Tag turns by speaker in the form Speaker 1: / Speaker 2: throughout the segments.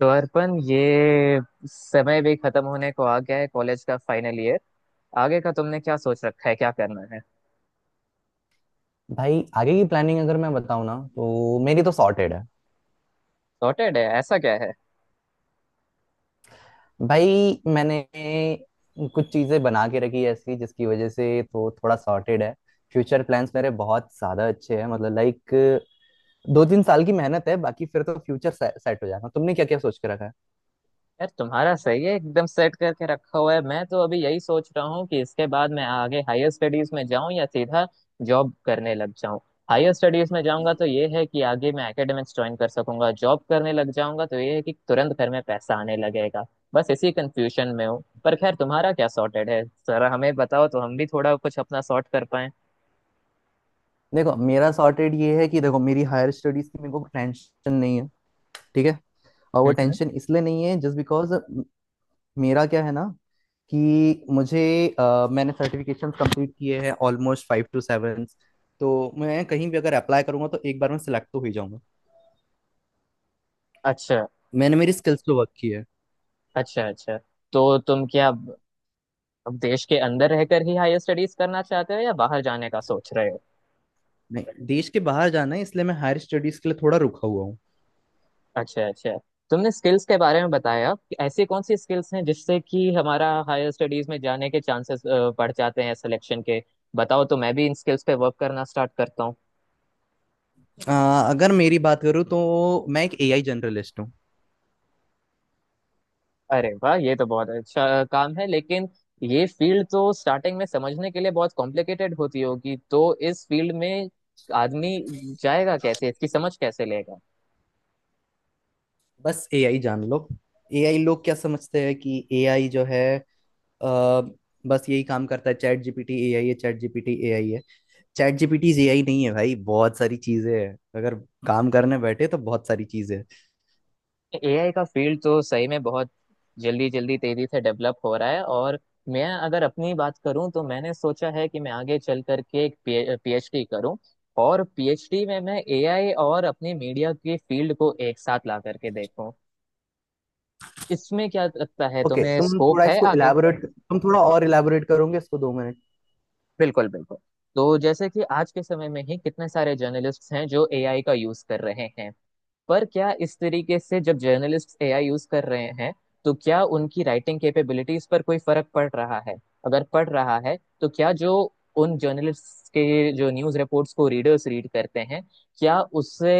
Speaker 1: तो अर्पण, ये समय भी खत्म होने को आ गया है। कॉलेज का फाइनल ईयर, आगे का तुमने क्या सोच रखा है, क्या करना है?
Speaker 2: भाई आगे की प्लानिंग अगर मैं बताऊँ ना तो मेरी तो सॉर्टेड है।
Speaker 1: सॉर्टेड है? ऐसा क्या है?
Speaker 2: भाई मैंने कुछ चीज़ें बना के रखी है ऐसी जिसकी वजह से तो थोड़ा सॉर्टेड है। फ्यूचर प्लान्स मेरे बहुत ज़्यादा अच्छे हैं, मतलब लाइक 2-3 साल की मेहनत है, बाकी फिर तो फ्यूचर सेट हो जाएगा। तुमने क्या क्या सोच के रखा है?
Speaker 1: यार, तुम्हारा सही है, एकदम सेट करके रखा हुआ है। मैं तो अभी यही सोच रहा हूँ कि इसके बाद मैं आगे हायर स्टडीज में जाऊँ या सीधा जॉब करने लग जाऊँ। हायर स्टडीज में जाऊंगा तो ये है कि आगे मैं एकेडमिक्स ज्वाइन कर सकूंगा, जॉब करने लग जाऊंगा तो ये है कि तुरंत घर में पैसा आने लगेगा। बस इसी कंफ्यूजन में हूँ। पर खैर, तुम्हारा क्या सॉर्टेड है, जरा हमें बताओ तो हम भी थोड़ा कुछ अपना सॉर्ट कर पाए।
Speaker 2: देखो, मेरा सॉर्टेड ये है कि देखो मेरी हायर स्टडीज की मेरे को टेंशन नहीं है। ठीक है। और वो
Speaker 1: हम्म।
Speaker 2: टेंशन इसलिए नहीं है, जस्ट बिकॉज मेरा क्या है ना, कि मुझे मैंने सर्टिफिकेशन कंप्लीट किए हैं ऑलमोस्ट 5 to 7। तो मैं कहीं भी अगर अप्लाई करूंगा तो एक बार में सिलेक्ट तो हो ही जाऊंगा।
Speaker 1: अच्छा,
Speaker 2: मैंने मेरी स्किल्स पे वर्क की है।
Speaker 1: अच्छा। अच्छा, तो तुम क्या अब देश के अंदर रहकर ही हायर स्टडीज करना चाहते हो या बाहर जाने का सोच रहे हो?
Speaker 2: नहीं, देश के बाहर जाना है इसलिए मैं हायर स्टडीज के लिए थोड़ा रुका हुआ हूँ।
Speaker 1: अच्छा, अच्छा। तुमने स्किल्स के बारे में बताया कि ऐसी कौन सी स्किल्स हैं जिससे कि हमारा हायर स्टडीज में जाने के चांसेस बढ़ जाते हैं, सिलेक्शन के। बताओ तो मैं भी इन स्किल्स पे वर्क करना स्टार्ट करता हूँ।
Speaker 2: अ, अगर मेरी बात करूँ तो मैं एक एआई जनरलिस्ट हूँ।
Speaker 1: अरे वाह, ये तो बहुत अच्छा काम है, लेकिन ये फील्ड तो स्टार्टिंग में समझने के लिए बहुत कॉम्प्लिकेटेड होती होगी, तो इस फील्ड में आदमी जाएगा कैसे, इसकी समझ कैसे लेगा?
Speaker 2: बस एआई जान लो। एआई लोग क्या समझते हैं कि एआई जो है अ, बस यही काम करता है। चैट जीपीटी एआई है, चैट जीपीटी एआई है, चैट जीपीटी एआई नहीं है भाई। बहुत सारी चीजें हैं, अगर काम करने बैठे तो बहुत सारी चीजें हैं।
Speaker 1: एआई का फील्ड तो सही में बहुत जल्दी जल्दी, तेजी से डेवलप हो रहा है। और मैं अगर अपनी बात करूं तो मैंने सोचा है कि मैं आगे चल करके एक पीएचडी करूं, और पीएचडी में मैं एआई और अपनी मीडिया की फील्ड को एक साथ ला करके देखूं। इसमें क्या लगता है
Speaker 2: ओके,
Speaker 1: तुम्हें, स्कोप है आगे?
Speaker 2: तुम थोड़ा और इलाबोरेट करोगे इसको, 2 मिनट?
Speaker 1: बिल्कुल बिल्कुल। तो जैसे कि आज के समय में ही कितने सारे जर्नलिस्ट हैं जो एआई का यूज कर रहे हैं, पर क्या इस तरीके से जब जर्नलिस्ट्स एआई यूज कर रहे हैं तो क्या उनकी राइटिंग कैपेबिलिटीज पर कोई फर्क पड़ रहा है? अगर पड़ रहा है तो क्या जो उन जर्नलिस्ट्स के जो न्यूज रिपोर्ट्स को रीडर्स रीड करते हैं, क्या उससे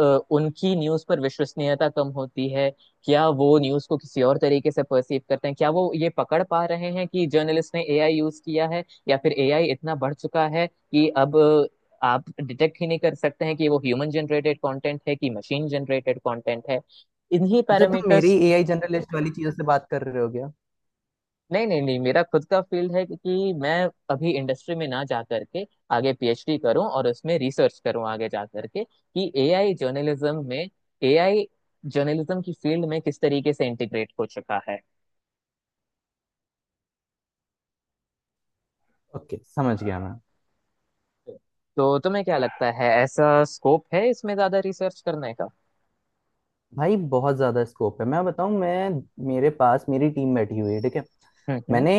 Speaker 1: अ, उनकी न्यूज पर विश्वसनीयता कम होती है? क्या वो न्यूज को किसी और तरीके से परसीव करते हैं, क्या वो ये पकड़ पा रहे हैं कि जर्नलिस्ट ने एआई यूज किया है, या फिर एआई इतना बढ़ चुका है कि अब आप डिटेक्ट ही नहीं कर सकते हैं कि वो ह्यूमन जनरेटेड कंटेंट है कि मशीन जनरेटेड कंटेंट है? इन्हीं
Speaker 2: अच्छा, तुम मेरी
Speaker 1: पैरामीटर्स।
Speaker 2: एआई जनरलिस्ट वाली चीजों से बात कर रहे हो क्या?
Speaker 1: नहीं नहीं नहीं, मेरा खुद का फील्ड है कि मैं अभी इंडस्ट्री में ना जा करके आगे पीएचडी करूं और उसमें रिसर्च करूं आगे जा करके, कि एआई जर्नलिज्म में, एआई जर्नलिज्म की फील्ड में किस तरीके से इंटीग्रेट हो चुका है।
Speaker 2: ओके, समझ गया मैं।
Speaker 1: तो तुम्हें क्या लगता है, ऐसा स्कोप है इसमें ज्यादा रिसर्च करने का?
Speaker 2: भाई बहुत ज्यादा स्कोप है। मैं बताऊं मैं मेरे पास मेरी टीम बैठी हुई है। ठीक है।
Speaker 1: हम्म, हम्म।
Speaker 2: मैंने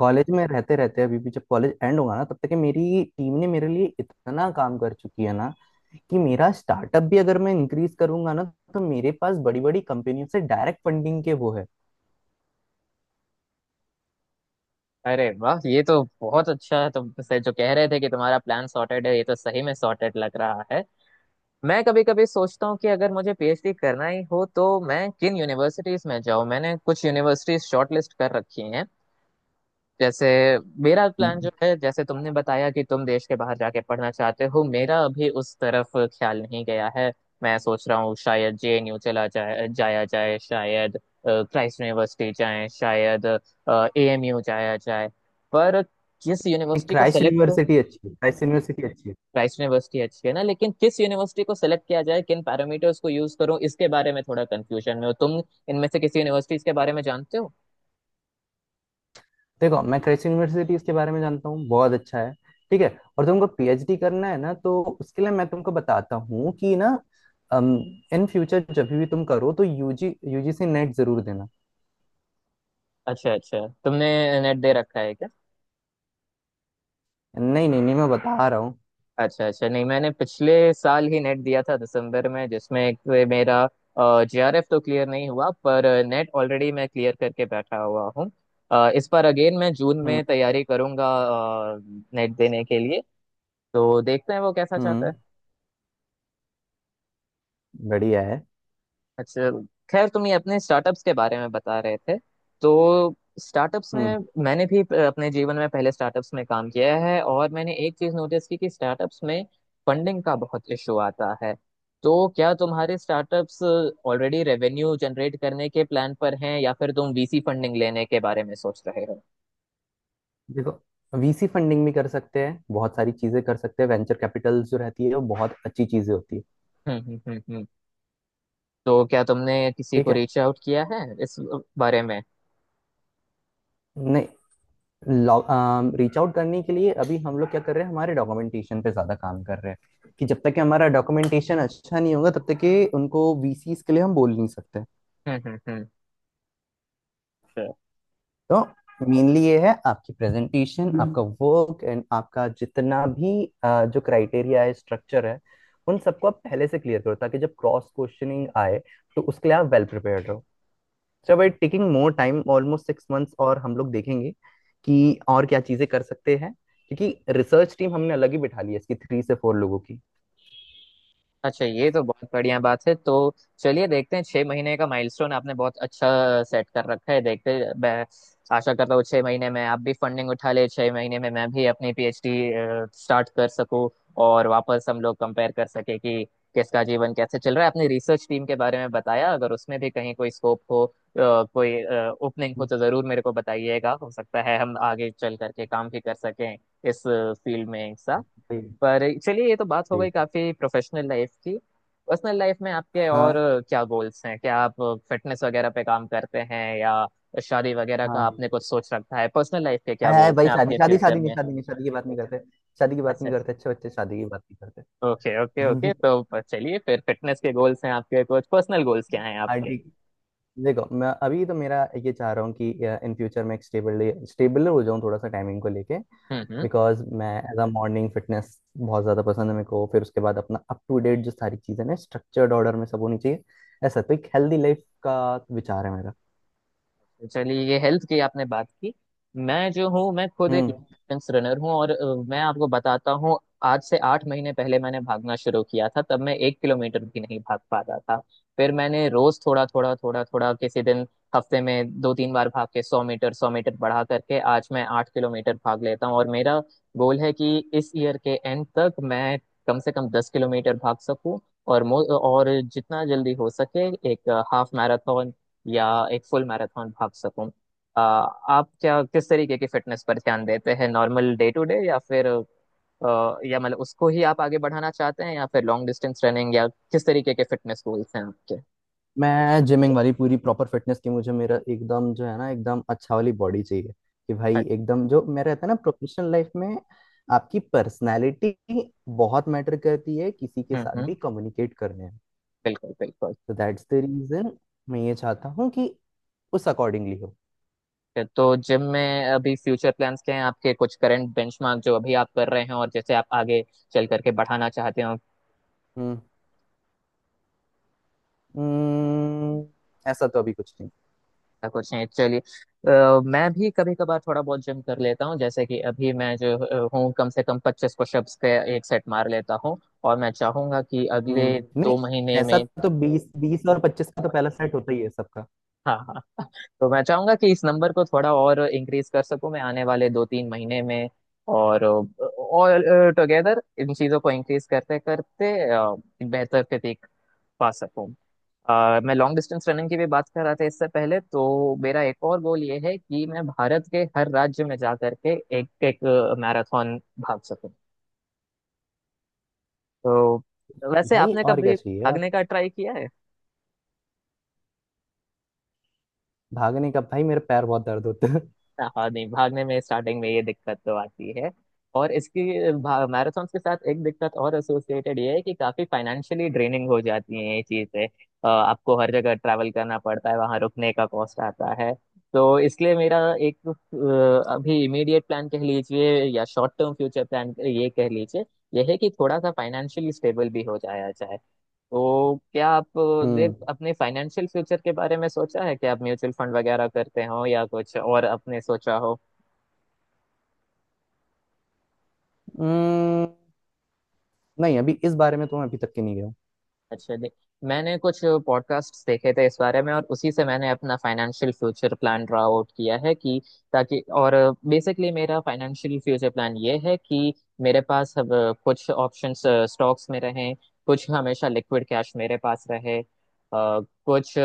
Speaker 2: कॉलेज में रहते रहते, अभी भी जब कॉलेज एंड होगा ना, तब तक मेरी टीम ने मेरे लिए इतना काम कर चुकी है ना कि मेरा स्टार्टअप भी अगर मैं इंक्रीज करूंगा ना, तो मेरे पास बड़ी बड़ी कंपनियों से डायरेक्ट फंडिंग के वो है।
Speaker 1: अरे वाह, ये तो बहुत अच्छा है। तुम से जो कह रहे थे कि तुम्हारा प्लान सॉर्टेड है, ये तो सही में सॉर्टेड लग रहा है। मैं कभी कभी सोचता हूँ कि अगर मुझे पीएचडी करना ही हो तो मैं किन यूनिवर्सिटीज में जाऊँ। मैंने कुछ यूनिवर्सिटीज शॉर्टलिस्ट कर रखी हैं, जैसे मेरा प्लान जो है, जैसे तुमने बताया कि तुम देश के बाहर जाके पढ़ना चाहते हो, मेरा अभी उस तरफ ख्याल नहीं गया है। मैं सोच रहा हूँ शायद जेएनयू चला जाए जाया जाए, शायद क्राइस्ट यूनिवर्सिटी जाए, शायद एएमयू जाया जाए। पर किस यूनिवर्सिटी को
Speaker 2: क्राइस्ट
Speaker 1: सेलेक्ट,
Speaker 2: यूनिवर्सिटी अच्छी है, क्राइस्ट यूनिवर्सिटी अच्छी है।
Speaker 1: क्राइस्ट यूनिवर्सिटी अच्छी है ना, लेकिन किस यूनिवर्सिटी को सेलेक्ट किया जाए, किन पैरामीटर्स को यूज करूँ, इसके बारे में थोड़ा कंफ्यूजन में। हो तुम इनमें से किसी यूनिवर्सिटीज के बारे में जानते हो?
Speaker 2: देखो, मैं कृषि यूनिवर्सिटी इसके बारे में जानता हूँ, बहुत अच्छा है। ठीक है। और तुमको पीएचडी करना है ना, तो उसके लिए मैं तुमको बताता हूँ कि ना, इन फ्यूचर जब भी तुम करो तो यूजीसी नेट जरूर देना।
Speaker 1: अच्छा, अच्छा। तुमने नेट दे रखा है क्या?
Speaker 2: नहीं नहीं नहीं, मैं बता रहा हूँ।
Speaker 1: अच्छा, अच्छा। नहीं, मैंने पिछले साल ही नेट दिया था दिसंबर में, जिसमें एक वे मेरा जेआरएफ तो क्लियर नहीं हुआ, पर नेट ऑलरेडी मैं क्लियर करके बैठा हुआ हूँ। इस बार अगेन मैं जून
Speaker 2: हम्म।
Speaker 1: में तैयारी करूंगा नेट देने के लिए। तो देखते हैं वो कैसा चाहता
Speaker 2: हम्म।
Speaker 1: है।
Speaker 2: बढ़िया है।
Speaker 1: अच्छा। खैर, तुम ये अपने स्टार्टअप्स के बारे में बता रहे थे। तो स्टार्टअप्स
Speaker 2: हम्म।
Speaker 1: में, मैंने भी अपने जीवन में पहले स्टार्टअप्स में काम किया है, और मैंने एक चीज नोटिस की कि स्टार्टअप्स में फंडिंग का बहुत इशू आता है। तो क्या तुम्हारे स्टार्टअप्स ऑलरेडी रेवेन्यू जनरेट करने के प्लान पर हैं, या फिर तुम वीसी फंडिंग लेने के बारे में सोच रहे हो?
Speaker 2: देखो, वीसी फंडिंग भी कर सकते हैं, बहुत सारी चीजें कर सकते हैं। वेंचर कैपिटल जो रहती है वो बहुत अच्छी चीजें होती है।
Speaker 1: हम्म हम्म हम्म हम्म। तो क्या तुमने किसी
Speaker 2: ठीक
Speaker 1: को
Speaker 2: है।
Speaker 1: रीच आउट किया है इस बारे में?
Speaker 2: नहीं, रीच आउट करने के लिए अभी हम लोग क्या कर रहे हैं, हमारे डॉक्यूमेंटेशन पे ज्यादा काम कर रहे हैं कि जब तक कि हमारा डॉक्यूमेंटेशन अच्छा नहीं होगा तब तक कि उनको वीसीस के लिए हम बोल नहीं सकते।
Speaker 1: हम्म।
Speaker 2: तो मेनली ये है, आपकी प्रेजेंटेशन, आपका वर्क एंड आपका जितना भी जो क्राइटेरिया है, स्ट्रक्चर है, उन सबको आप पहले से क्लियर करो ताकि जब क्रॉस क्वेश्चनिंग आए तो उसके लिए आप वेल प्रिपेयर्ड रहो। चलो, it taking more time, almost 6 months, और हम लोग देखेंगे कि और क्या चीजें कर सकते हैं, क्योंकि रिसर्च टीम हमने अलग ही बिठा ली है इसकी, 3 से 4 लोगों की।
Speaker 1: अच्छा, ये तो बहुत बढ़िया बात है। तो चलिए, देखते हैं, 6 महीने का माइलस्टोन आपने बहुत अच्छा सेट कर रखा है। देखते, मैं आशा करता हूँ 6 महीने में आप भी फंडिंग उठा ले, 6 महीने में मैं भी अपनी पीएचडी स्टार्ट कर सकूँ, और वापस हम लोग कंपेयर कर सके कि किसका जीवन कैसे चल रहा है। आपने रिसर्च टीम के बारे में बताया, अगर उसमें भी कहीं कोई स्कोप हो, कोई ओपनिंग हो तो जरूर मेरे को बताइएगा। हो सकता है हम आगे चल करके काम भी कर सकें इस फील्ड में एक साथ।
Speaker 2: ठीक।
Speaker 1: पर चलिए, ये तो बात हो गई
Speaker 2: ठीक।
Speaker 1: काफी प्रोफेशनल लाइफ की। पर्सनल लाइफ में आपके और
Speaker 2: हाँ।
Speaker 1: क्या गोल्स हैं? क्या आप फिटनेस वगैरह पे काम करते हैं, या शादी वगैरह का
Speaker 2: हाँ।
Speaker 1: आपने कुछ सोच रखा है? पर्सनल लाइफ के क्या
Speaker 2: आय आय
Speaker 1: गोल्स
Speaker 2: भाई,
Speaker 1: हैं
Speaker 2: शादी,
Speaker 1: आपके
Speaker 2: शादी,
Speaker 1: फ्यूचर
Speaker 2: शादी नहीं,
Speaker 1: में?
Speaker 2: शादी नहीं, शादी की बात नहीं करते। शादी की बात
Speaker 1: अच्छा।
Speaker 2: नहीं करते, अच्छे बच्चे शादी की बात नहीं
Speaker 1: ओके ओके ओके,
Speaker 2: करते।
Speaker 1: तो चलिए फिर फिटनेस के गोल्स हैं आपके, कुछ पर्सनल गोल्स क्या हैं
Speaker 2: हाँ,
Speaker 1: आपके?
Speaker 2: ठीक। देखो, मैं अभी तो मेरा ये चाह रहा हूँ कि इन फ्यूचर मैं एक स्टेबल स्टेबल हो जाऊँ, थोड़ा सा टाइमिंग को लेके,
Speaker 1: हम्म, हम्म।
Speaker 2: बिकॉज मैं एज अ मॉर्निंग फिटनेस बहुत ज़्यादा पसंद है मेरे को। फिर उसके बाद अपना अप टू डेट, जो सारी चीज़ें ना, स्ट्रक्चर्ड ऑर्डर में सब होनी चाहिए। ऐसा तो एक हेल्दी लाइफ का विचार है मेरा।
Speaker 1: तो चलिए, ये हेल्थ की आपने बात की। मैं जो हूँ, मैं खुद एक
Speaker 2: हम्म।
Speaker 1: डिस्टेंस रनर हूँ, और मैं आपको बताता हूँ। आज से 8 महीने पहले मैंने भागना शुरू किया था, तब मैं 1 किलोमीटर भी नहीं भाग पा रहा था। फिर मैंने रोज थोड़ा थोड़ा थोड़ा थोड़ा, किसी दिन हफ्ते में 2-3 बार भाग के, 100 मीटर 100 मीटर बढ़ा करके आज मैं 8 किलोमीटर भाग लेता हूँ। और मेरा गोल है कि इस ईयर के एंड तक मैं कम से कम 10 किलोमीटर भाग सकूँ, और और जितना जल्दी हो सके एक हाफ मैराथन या एक फुल मैराथन भाग सकूं। आप क्या किस तरीके की फिटनेस पर ध्यान देते हैं, नॉर्मल डे टू डे, या फिर या मतलब उसको ही आप आगे बढ़ाना चाहते हैं, या फिर लॉन्ग डिस्टेंस रनिंग, या किस तरीके के फिटनेस गोल्स हैं आपके?
Speaker 2: मैं जिमिंग वाली पूरी प्रॉपर फिटनेस की, मुझे मेरा एकदम जो है ना, एकदम अच्छा वाली बॉडी चाहिए। कि भाई
Speaker 1: अच्छा।
Speaker 2: एकदम जो मेरा रहता है ना प्रोफेशनल लाइफ में, आपकी पर्सनालिटी बहुत मैटर करती है किसी के
Speaker 1: हम्म,
Speaker 2: साथ
Speaker 1: हम्म।
Speaker 2: भी कम्युनिकेट करने में।
Speaker 1: बिल्कुल बिल्कुल।
Speaker 2: तो दैट्स द रीजन मैं ये चाहता हूँ कि उस अकॉर्डिंगली हो।
Speaker 1: तो जिम में अभी फ्यूचर प्लान्स क्या हैं आपके, कुछ करंट बेंचमार्क जो अभी आप कर रहे हैं, और जैसे आप आगे चल करके बढ़ाना चाहते हो?
Speaker 2: हम्म। हम्म, ऐसा तो अभी कुछ नहीं।
Speaker 1: ऐसा कुछ नहीं, चलिए। मैं भी कभी कभार थोड़ा बहुत जिम कर लेता हूँ, जैसे कि अभी मैं जो हूँ, कम से कम 25 पुशअप्स के एक सेट मार लेता हूँ, और मैं चाहूंगा कि अगले
Speaker 2: हम्म, नहीं।
Speaker 1: 2 महीने
Speaker 2: ऐसा
Speaker 1: में
Speaker 2: तो ओके, 20, 20 और 25 का तो पहला सेट होता ही है सबका।
Speaker 1: हाँ हाँ, हाँ, तो मैं चाहूंगा कि इस नंबर को थोड़ा और इंक्रीज कर सकूं मैं आने वाले 2-3 महीने में, और टुगेदर इन चीजों को इंक्रीज करते करते बेहतर प्रतीक पा सकूं। मैं लॉन्ग डिस्टेंस रनिंग की भी बात कर रहा था इससे पहले, तो मेरा एक और गोल ये है कि मैं भारत के हर राज्य में जा करके एक एक मैराथन भाग सकूं। तो वैसे
Speaker 2: भाई
Speaker 1: आपने
Speaker 2: और क्या
Speaker 1: कभी
Speaker 2: चाहिए अब,
Speaker 1: भागने का ट्राई किया है?
Speaker 2: भागने का? भाई मेरे पैर बहुत दर्द होते हैं।
Speaker 1: हाँ हाँ, नहीं भागने में स्टार्टिंग में ये दिक्कत तो आती है, और इसकी मैराथन के साथ एक दिक्कत और एसोसिएटेड ये है कि काफी फाइनेंशियली ड्रेनिंग हो जाती है ये चीजें। आपको हर जगह ट्रैवल करना पड़ता है, वहां रुकने का कॉस्ट आता है। तो इसलिए मेरा एक अभी इमीडिएट प्लान कह लीजिए, या शॉर्ट टर्म फ्यूचर प्लान ये कह लीजिए, यह है कि थोड़ा सा फाइनेंशियली स्टेबल भी हो जाया जाए। तो क्या आपने
Speaker 2: हम्म।
Speaker 1: अपने फाइनेंशियल फ्यूचर के बारे में सोचा है कि आप म्यूचुअल फंड वगैरह करते हो, या कुछ और आपने सोचा हो?
Speaker 2: हम्म, नहीं अभी इस बारे में तो मैं अभी तक के नहीं गया
Speaker 1: अच्छा, दे, मैंने कुछ पॉडकास्ट देखे थे इस बारे में, और उसी से मैंने अपना financial future plan draw out किया है, कि ताकि, और बेसिकली मेरा फाइनेंशियल फ्यूचर प्लान ये है कि मेरे पास अब कुछ ऑप्शंस स्टॉक्स में रहें, कुछ हमेशा लिक्विड कैश मेरे पास रहे, कुछ अ,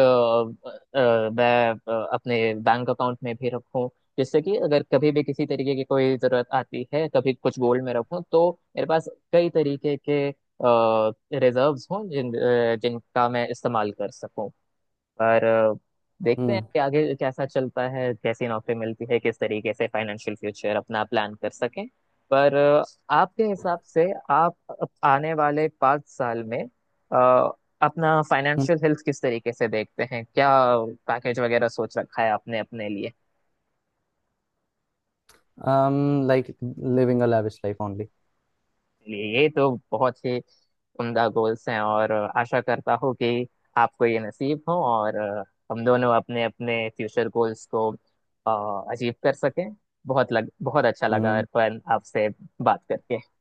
Speaker 1: अ, मैं अपने बैंक अकाउंट में भी रखूं, जिससे कि अगर कभी भी किसी तरीके की कोई जरूरत आती है, कभी कुछ गोल्ड में रखूं, तो मेरे पास कई तरीके के रिजर्व्स हों, जिनका मैं इस्तेमाल कर सकूं। पर देखते हैं
Speaker 2: हूँ।
Speaker 1: कि आगे कैसा चलता है, कैसी नौकरी मिलती है, किस तरीके से फाइनेंशियल फ्यूचर अपना प्लान कर सकें। पर आपके हिसाब से आप आने वाले 5 साल में अ, अपना फाइनेंशियल हेल्थ किस तरीके से देखते हैं, क्या पैकेज वगैरह सोच रखा है आपने अपने लिए?
Speaker 2: Hmm, like living a lavish life only.
Speaker 1: चलिए, ये तो बहुत ही उम्दा गोल्स हैं, और आशा करता हूँ कि आपको ये नसीब हो, और हम दोनों अपने अपने फ्यूचर गोल्स को अचीव कर सकें। बहुत अच्छा लगा अर्पण, आपसे बात करके।